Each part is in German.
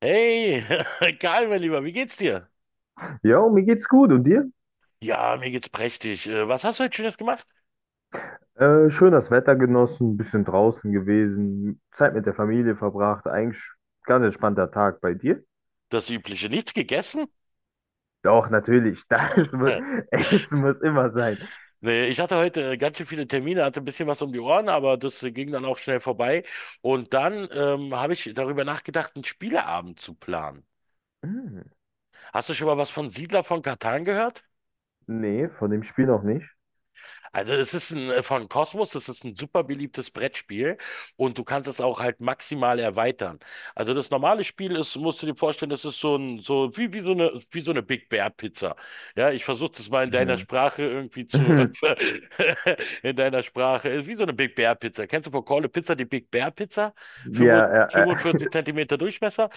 Hey, Karl, mein Lieber, wie geht's dir? Ja, mir geht's gut. Und dir? Ja, mir geht's prächtig. Was hast du heute Schönes gemacht? Schön das Wetter genossen, bisschen draußen gewesen, Zeit mit der Familie verbracht. Eigentlich ganz entspannter Tag bei dir. Das Übliche. Nichts gegessen? Doch, natürlich. Essen muss immer sein. Nee, ich hatte heute ganz schön viele Termine, hatte ein bisschen was um die Ohren, aber das ging dann auch schnell vorbei. Und dann habe ich darüber nachgedacht, einen Spieleabend zu planen. Hm, Hast du schon mal was von Siedler von Catan gehört? nee, von dem Spiel noch nicht. Also es ist ein, von Cosmos, das ist ein super beliebtes Brettspiel und du kannst es auch halt maximal erweitern. Also das normale Spiel ist, musst du dir vorstellen, das ist so ein, so wie, wie so eine Big Bear Pizza. Ja, ich versuche das mal in deiner Mhm. Sprache irgendwie zu, in deiner Sprache, wie so eine Big Bear Pizza. Kennst du von Call a Pizza die Big Bear Pizza? Ja, 45 Zentimeter Durchmesser?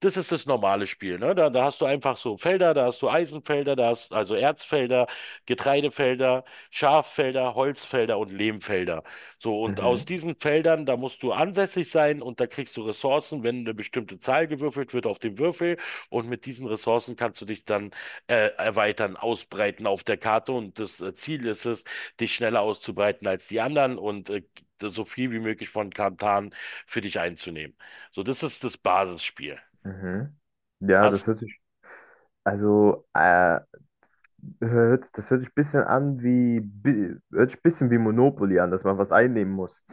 Das ist das normale Spiel, ne? Da, da hast du einfach so Felder, da hast du Eisenfelder, da hast also Erzfelder, Getreidefelder. Schaffelder, Holzfelder und Lehmfelder. So, und aus Mhm, diesen Feldern, da musst du ansässig sein und da kriegst du Ressourcen, wenn eine bestimmte Zahl gewürfelt wird auf dem Würfel. Und mit diesen Ressourcen kannst du dich dann erweitern, ausbreiten auf der Karte. Und das Ziel ist es, dich schneller auszubreiten als die anderen und so viel wie möglich von Kantan für dich einzunehmen. So, das ist das Basisspiel. mhm. Ja, das Hast hört sich, also, hört, das hört sich ein bisschen an wie, hört sich ein bisschen wie Monopoly an, dass man was einnehmen muss.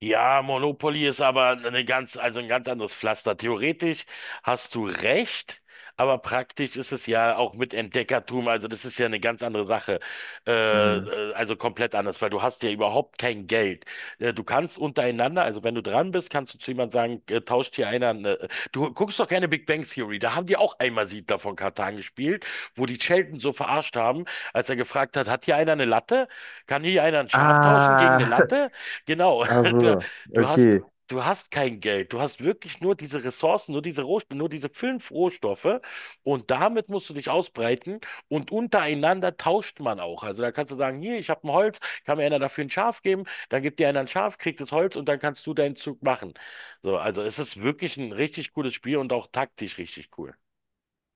ja, Monopoly ist aber eine ganz, also ein ganz anderes Pflaster. Theoretisch hast du recht, aber praktisch ist es ja auch mit Entdeckertum, also das ist ja eine ganz andere Sache. Äh, Mhm. Also komplett anders, weil du hast ja überhaupt kein Geld. Du kannst untereinander, also wenn du dran bist, kannst du zu jemandem sagen, tauscht hier einer, eine, du guckst doch keine Big Bang Theory, da haben die auch einmal Siedler von Catan gespielt, wo die Sheldon so verarscht haben, als er gefragt hat, hat hier einer eine Latte? Kann hier einer ein Schaf tauschen gegen eine Ah, Latte? Genau, Du, also, du hast, okay. du hast kein Geld. Du hast wirklich nur diese Ressourcen, nur diese Rohstoffe, nur diese fünf Rohstoffe. Und damit musst du dich ausbreiten. Und untereinander tauscht man auch. Also da kannst du sagen, hier, ich habe ein Holz, kann mir einer dafür ein Schaf geben. Dann gibt dir einer ein Schaf, kriegt das Holz und dann kannst du deinen Zug machen. So, also es ist wirklich ein richtig cooles Spiel und auch taktisch richtig cool.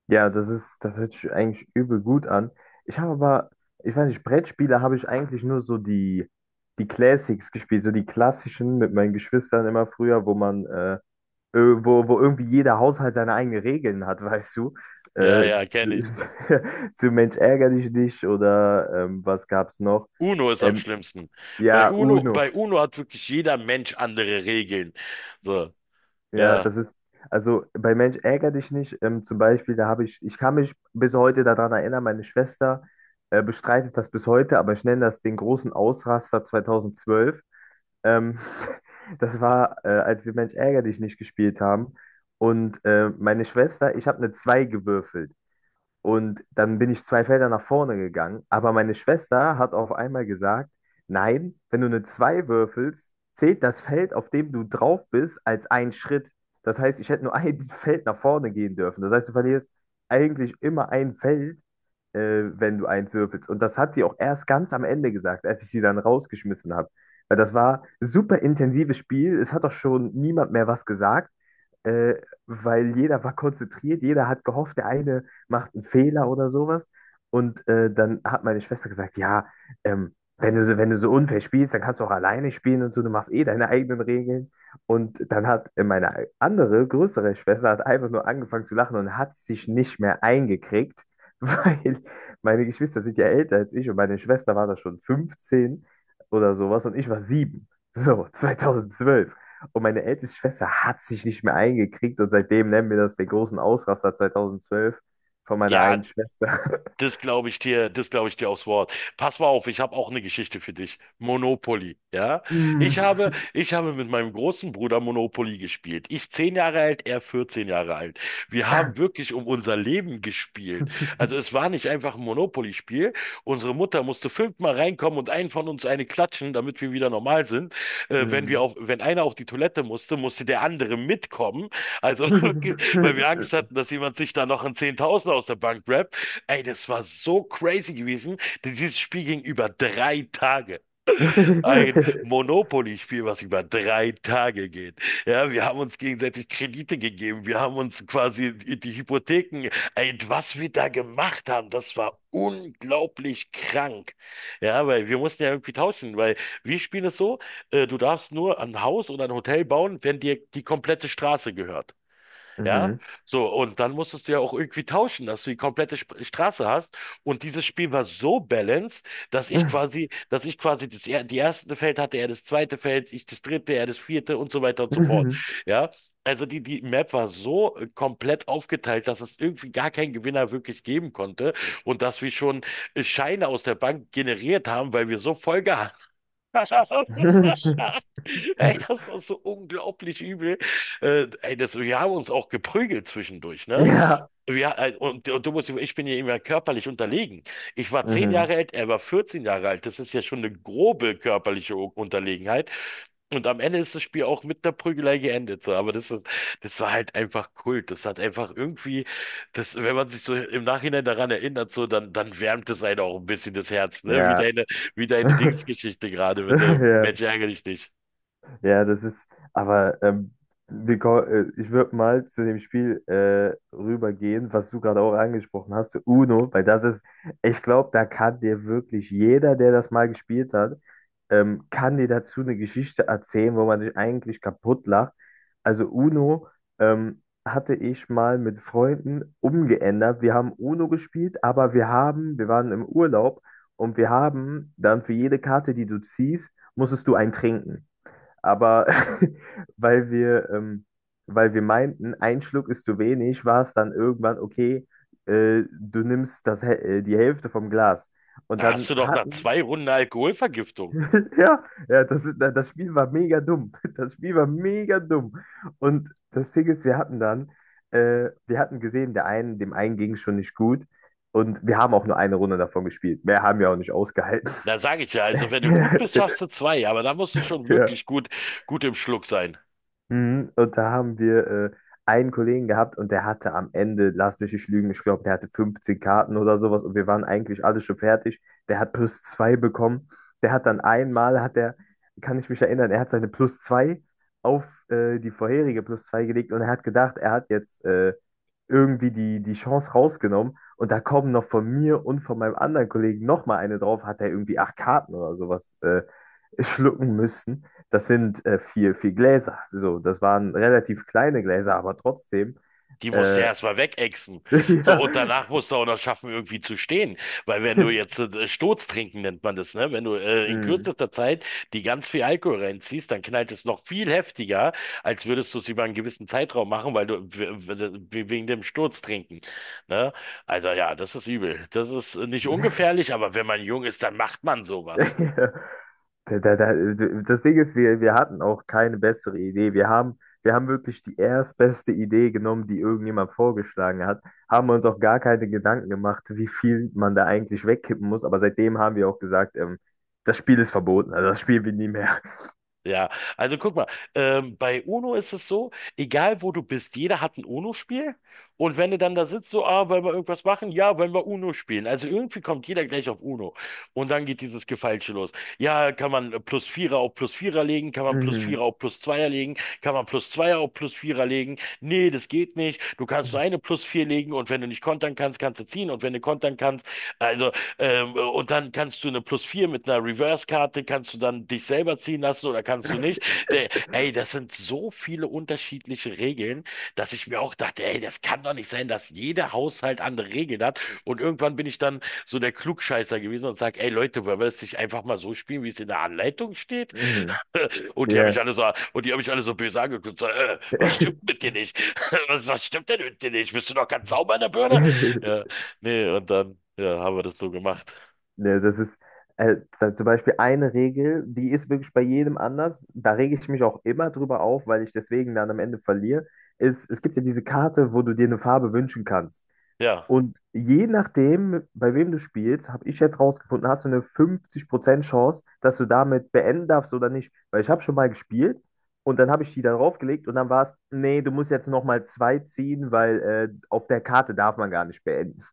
Ja, das hört sich eigentlich übel gut an. Ich habe aber, Ich weiß nicht, Brettspiele habe ich eigentlich die Classics gespielt, so die klassischen mit meinen Geschwistern immer früher, äh, wo irgendwie jeder Haushalt seine eigenen Regeln hat, weißt du? Ja, Äh, ja, kenne zu, ich. zu Mensch ärgere dich nicht oder was gab's noch? Uno ist am Ähm, schlimmsten. ja, Bei Uno, Uno. bei Uno hat wirklich jeder Mensch andere Regeln. So, Ja, ja. das ist, also bei Mensch ärgere dich nicht. Zum Beispiel, ich kann mich bis heute daran erinnern, meine Schwester bestreitet das bis heute, aber ich nenne das den großen Ausraster 2012. Ähm, das war, als wir Mensch ärgere dich nicht gespielt haben. Und meine Schwester, ich habe eine 2 gewürfelt. Und dann bin ich zwei Felder nach vorne gegangen. Aber meine Schwester hat auf einmal gesagt, nein, wenn du eine 2 würfelst, zählt das Feld, auf dem du drauf bist, als ein Schritt. Das heißt, ich hätte nur ein Feld nach vorne gehen dürfen. Das heißt, du verlierst eigentlich immer ein Feld, äh, wenn du eins würfelst. Und das hat sie auch erst ganz am Ende gesagt, als ich sie dann rausgeschmissen habe. Weil das war super intensives Spiel. Es hat auch schon niemand mehr was gesagt, äh, weil jeder war konzentriert, jeder hat gehofft, der eine macht einen Fehler oder sowas. Und dann hat meine Schwester gesagt, ja, wenn du so, wenn du so unfair spielst, dann kannst du auch alleine spielen und so, du machst eh deine eigenen Regeln. Und dann hat meine andere, größere Schwester hat einfach nur angefangen zu lachen und hat sich nicht mehr eingekriegt, weil meine Geschwister sind ja älter als ich und meine Schwester war da schon 15 oder sowas und ich war 7. So, 2012. Und meine älteste Schwester hat sich nicht mehr eingekriegt und seitdem nennen wir das den großen Ausraster 2012. Von meiner einen Ja, Schwester. das glaube ich dir, das glaube ich dir aufs Wort. Pass mal auf, ich habe auch eine Geschichte für dich. Monopoly, ja? Mm. Ich habe mit meinem großen Bruder Monopoly gespielt. Ich zehn Jahre alt, er 14 Jahre alt. Wir haben wirklich um unser Leben gespielt. Also es war nicht einfach ein Monopoly-Spiel. Unsere Mutter musste fünfmal reinkommen und einen von uns eine klatschen, damit wir wieder normal sind. Wenn wir Mm. auf, wenn einer auf die Toilette musste, musste der andere mitkommen. Also wirklich, weil wir Angst hatten, dass jemand sich da noch ein Zehntausender aus der Bank rappt. Ey, das war so crazy gewesen, denn dieses Spiel ging über drei Tage. Ein Monopoly-Spiel, was über drei Tage geht. Ja, wir haben uns gegenseitig Kredite gegeben, wir haben uns quasi die Hypotheken, ey, was wir da gemacht haben, das war unglaublich krank. Ja, weil wir mussten ja irgendwie tauschen, weil wir spielen es so, du darfst nur ein Haus oder ein Hotel bauen, wenn dir die komplette Straße gehört. Ja, Mhm. so, und dann musstest du ja auch irgendwie tauschen, dass du die komplette Sp Straße hast. Und dieses Spiel war so balanced, dass ich quasi das, die erste Feld hatte, er das zweite Feld, ich das dritte, er das vierte und so weiter und so fort. Mhm. Ja, also die, die Map war so komplett aufgeteilt, dass es irgendwie gar keinen Gewinner wirklich geben konnte und dass wir schon Scheine aus der Bank generiert haben, weil wir so voll gehabt haben. Ey, das war so unglaublich übel. Das, wir haben uns auch geprügelt zwischendurch, ne? Ja. Ja, und du musst, ich bin ja immer körperlich unterlegen. Ich war zehn Mhm. Jahre alt, er war 14 Jahre alt. Das ist ja schon eine grobe körperliche Unterlegenheit. Und am Ende ist das Spiel auch mit der Prügelei geendet. So. Aber das ist, das war halt einfach Kult. Das hat einfach irgendwie, das, wenn man sich so im Nachhinein daran erinnert, so, dann, dann wärmt es einen auch ein bisschen das Herz, ne? Ja. Wie deine Dingsgeschichte gerade mit dem Ja. Mensch ärgere dich nicht. Ja, das ist, aber wir ko- Ich würde mal zu dem Spiel rübergehen, was du gerade auch angesprochen hast, Uno, ich glaube, da kann dir wirklich jeder, der das mal gespielt hat, kann dir dazu eine Geschichte erzählen, wo man sich eigentlich kaputt lacht. Also Uno hatte ich mal mit Freunden umgeändert. Wir haben Uno gespielt, wir waren im Urlaub und wir haben dann für jede Karte, die du ziehst, musstest du einen trinken. Aber weil wir, ähm, weil wir meinten, ein Schluck ist zu wenig, war es dann irgendwann, okay, du nimmst das, die Hälfte vom Glas. Und Da hast dann du doch nach hatten, zwei Runden Alkoholvergiftung. ja, ja, das Spiel war mega dumm. Das Spiel war mega dumm. Und das Ding ist, wir hatten gesehen, der einen, dem einen ging schon nicht gut. Und wir haben auch nur eine Runde davon gespielt. Mehr haben wir auch nicht ausgehalten. Da sage ich ja, also wenn du gut bist, schaffst du zwei, aber da musst du schon Ja. wirklich gut, gut im Schluck sein. Mhm. Und da haben wir einen Kollegen gehabt und der hatte am Ende, lass mich nicht lügen, ich glaube, der hatte 15 Karten oder sowas und wir waren eigentlich alle schon fertig. Der hat plus zwei bekommen. Der hat dann einmal, hat er, Kann ich mich erinnern, er hat seine plus zwei auf die vorherige plus zwei gelegt und er hat gedacht, er hat jetzt irgendwie die Chance rausgenommen. Und da kommen noch von mir und von meinem anderen Kollegen nochmal eine drauf, hat er irgendwie acht Karten oder sowas schlucken müssen. Das sind vier, vier Gläser. So, das waren relativ kleine Gläser, aber trotzdem. Die musst du Äh, erstmal wegexen. So, und ja. danach musst du auch noch schaffen, irgendwie zu stehen. Weil wenn du jetzt Sturz trinken nennt man das, ne? Wenn du in Hm. kürzester Zeit die ganz viel Alkohol reinziehst, dann knallt es noch viel heftiger, als würdest du es über einen gewissen Zeitraum machen, weil du wegen dem Sturz trinken. Ne? Also ja, das ist übel. Das ist nicht ungefährlich, aber wenn man jung ist, dann macht man sowas. Da, da, da, das Ding ist, wir hatten auch keine bessere Idee. Wir haben wirklich die erstbeste Idee genommen, die irgendjemand vorgeschlagen hat, haben uns auch gar keine Gedanken gemacht, wie viel man da eigentlich wegkippen muss. Aber seitdem haben wir auch gesagt, das Spiel ist verboten, also das spielen wir nie mehr. Ja, also guck mal, bei UNO ist es so, egal wo du bist, jeder hat ein UNO-Spiel. Und wenn du dann da sitzt, so, ah, wollen wir irgendwas machen? Ja, wollen wir UNO spielen. Also irgendwie kommt jeder gleich auf UNO. Und dann geht dieses Gefeilsche los. Ja, kann man plus Vierer auf plus Vierer legen? Kann man plus Vierer Mhm. auf plus Zweier legen? Kann man plus Zweier auf plus Vierer legen? Nee, das geht nicht. Du kannst nur eine plus Vier legen. Und wenn du nicht kontern kannst, kannst du ziehen. Und wenn du kontern kannst, also, und dann kannst du eine Plus 4 mit einer Reverse-Karte, kannst du dann dich selber ziehen lassen oder kannst du nicht. Der, ey, das sind so viele unterschiedliche Regeln, dass ich mir auch dachte, ey, das kann doch nicht sein, dass jeder Haushalt andere Regeln hat. Und irgendwann bin ich dann so der Klugscheißer gewesen und sage, ey Leute, wollen wir das nicht einfach mal so spielen, wie es in der Anleitung steht? Mhm. Und die haben Ja. mich alle so, und die haben mich alle so böse angeguckt, so, was stimmt mit dir nicht? Was, was stimmt denn mit dir nicht? Bist du noch ganz sauber in der Birne? Ja, nee, und dann, ja, haben wir das so gemacht. Ne, das ist zum Beispiel eine Regel, die ist wirklich bei jedem anders. Da rege ich mich auch immer drüber auf, weil ich deswegen dann am Ende verliere. Es gibt ja diese Karte, wo du dir eine Farbe wünschen kannst. Ja. Und je nachdem, bei wem du spielst, habe ich jetzt rausgefunden, hast du eine 50% Chance, dass du damit beenden darfst oder nicht. Weil ich habe schon mal gespielt und dann habe ich die da draufgelegt und dann war es, nee, du musst jetzt nochmal zwei ziehen, weil auf der Karte darf man gar nicht beenden.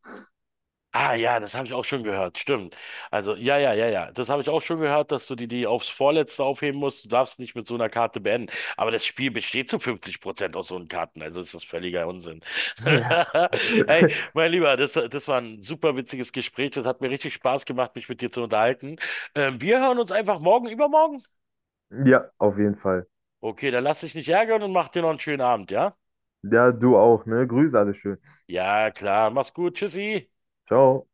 Ah ja, das habe ich auch schon gehört, stimmt. Also ja, ja, ja, ja, das habe ich auch schon gehört, dass du die, die aufs Vorletzte aufheben musst. Du darfst nicht mit so einer Karte beenden. Aber das Spiel besteht zu 50% aus so einen Karten, also ist das völliger Unsinn. Ja. Hey, mein Lieber, das, das war ein super witziges Gespräch. Das hat mir richtig Spaß gemacht, mich mit dir zu unterhalten. Wir hören uns einfach morgen, übermorgen. Ja, auf jeden Fall. Okay, dann lass dich nicht ärgern und mach dir noch einen schönen Abend, ja? Ja, du auch, ne? Grüße alle schön. Ja, klar, mach's gut, tschüssi. Ciao.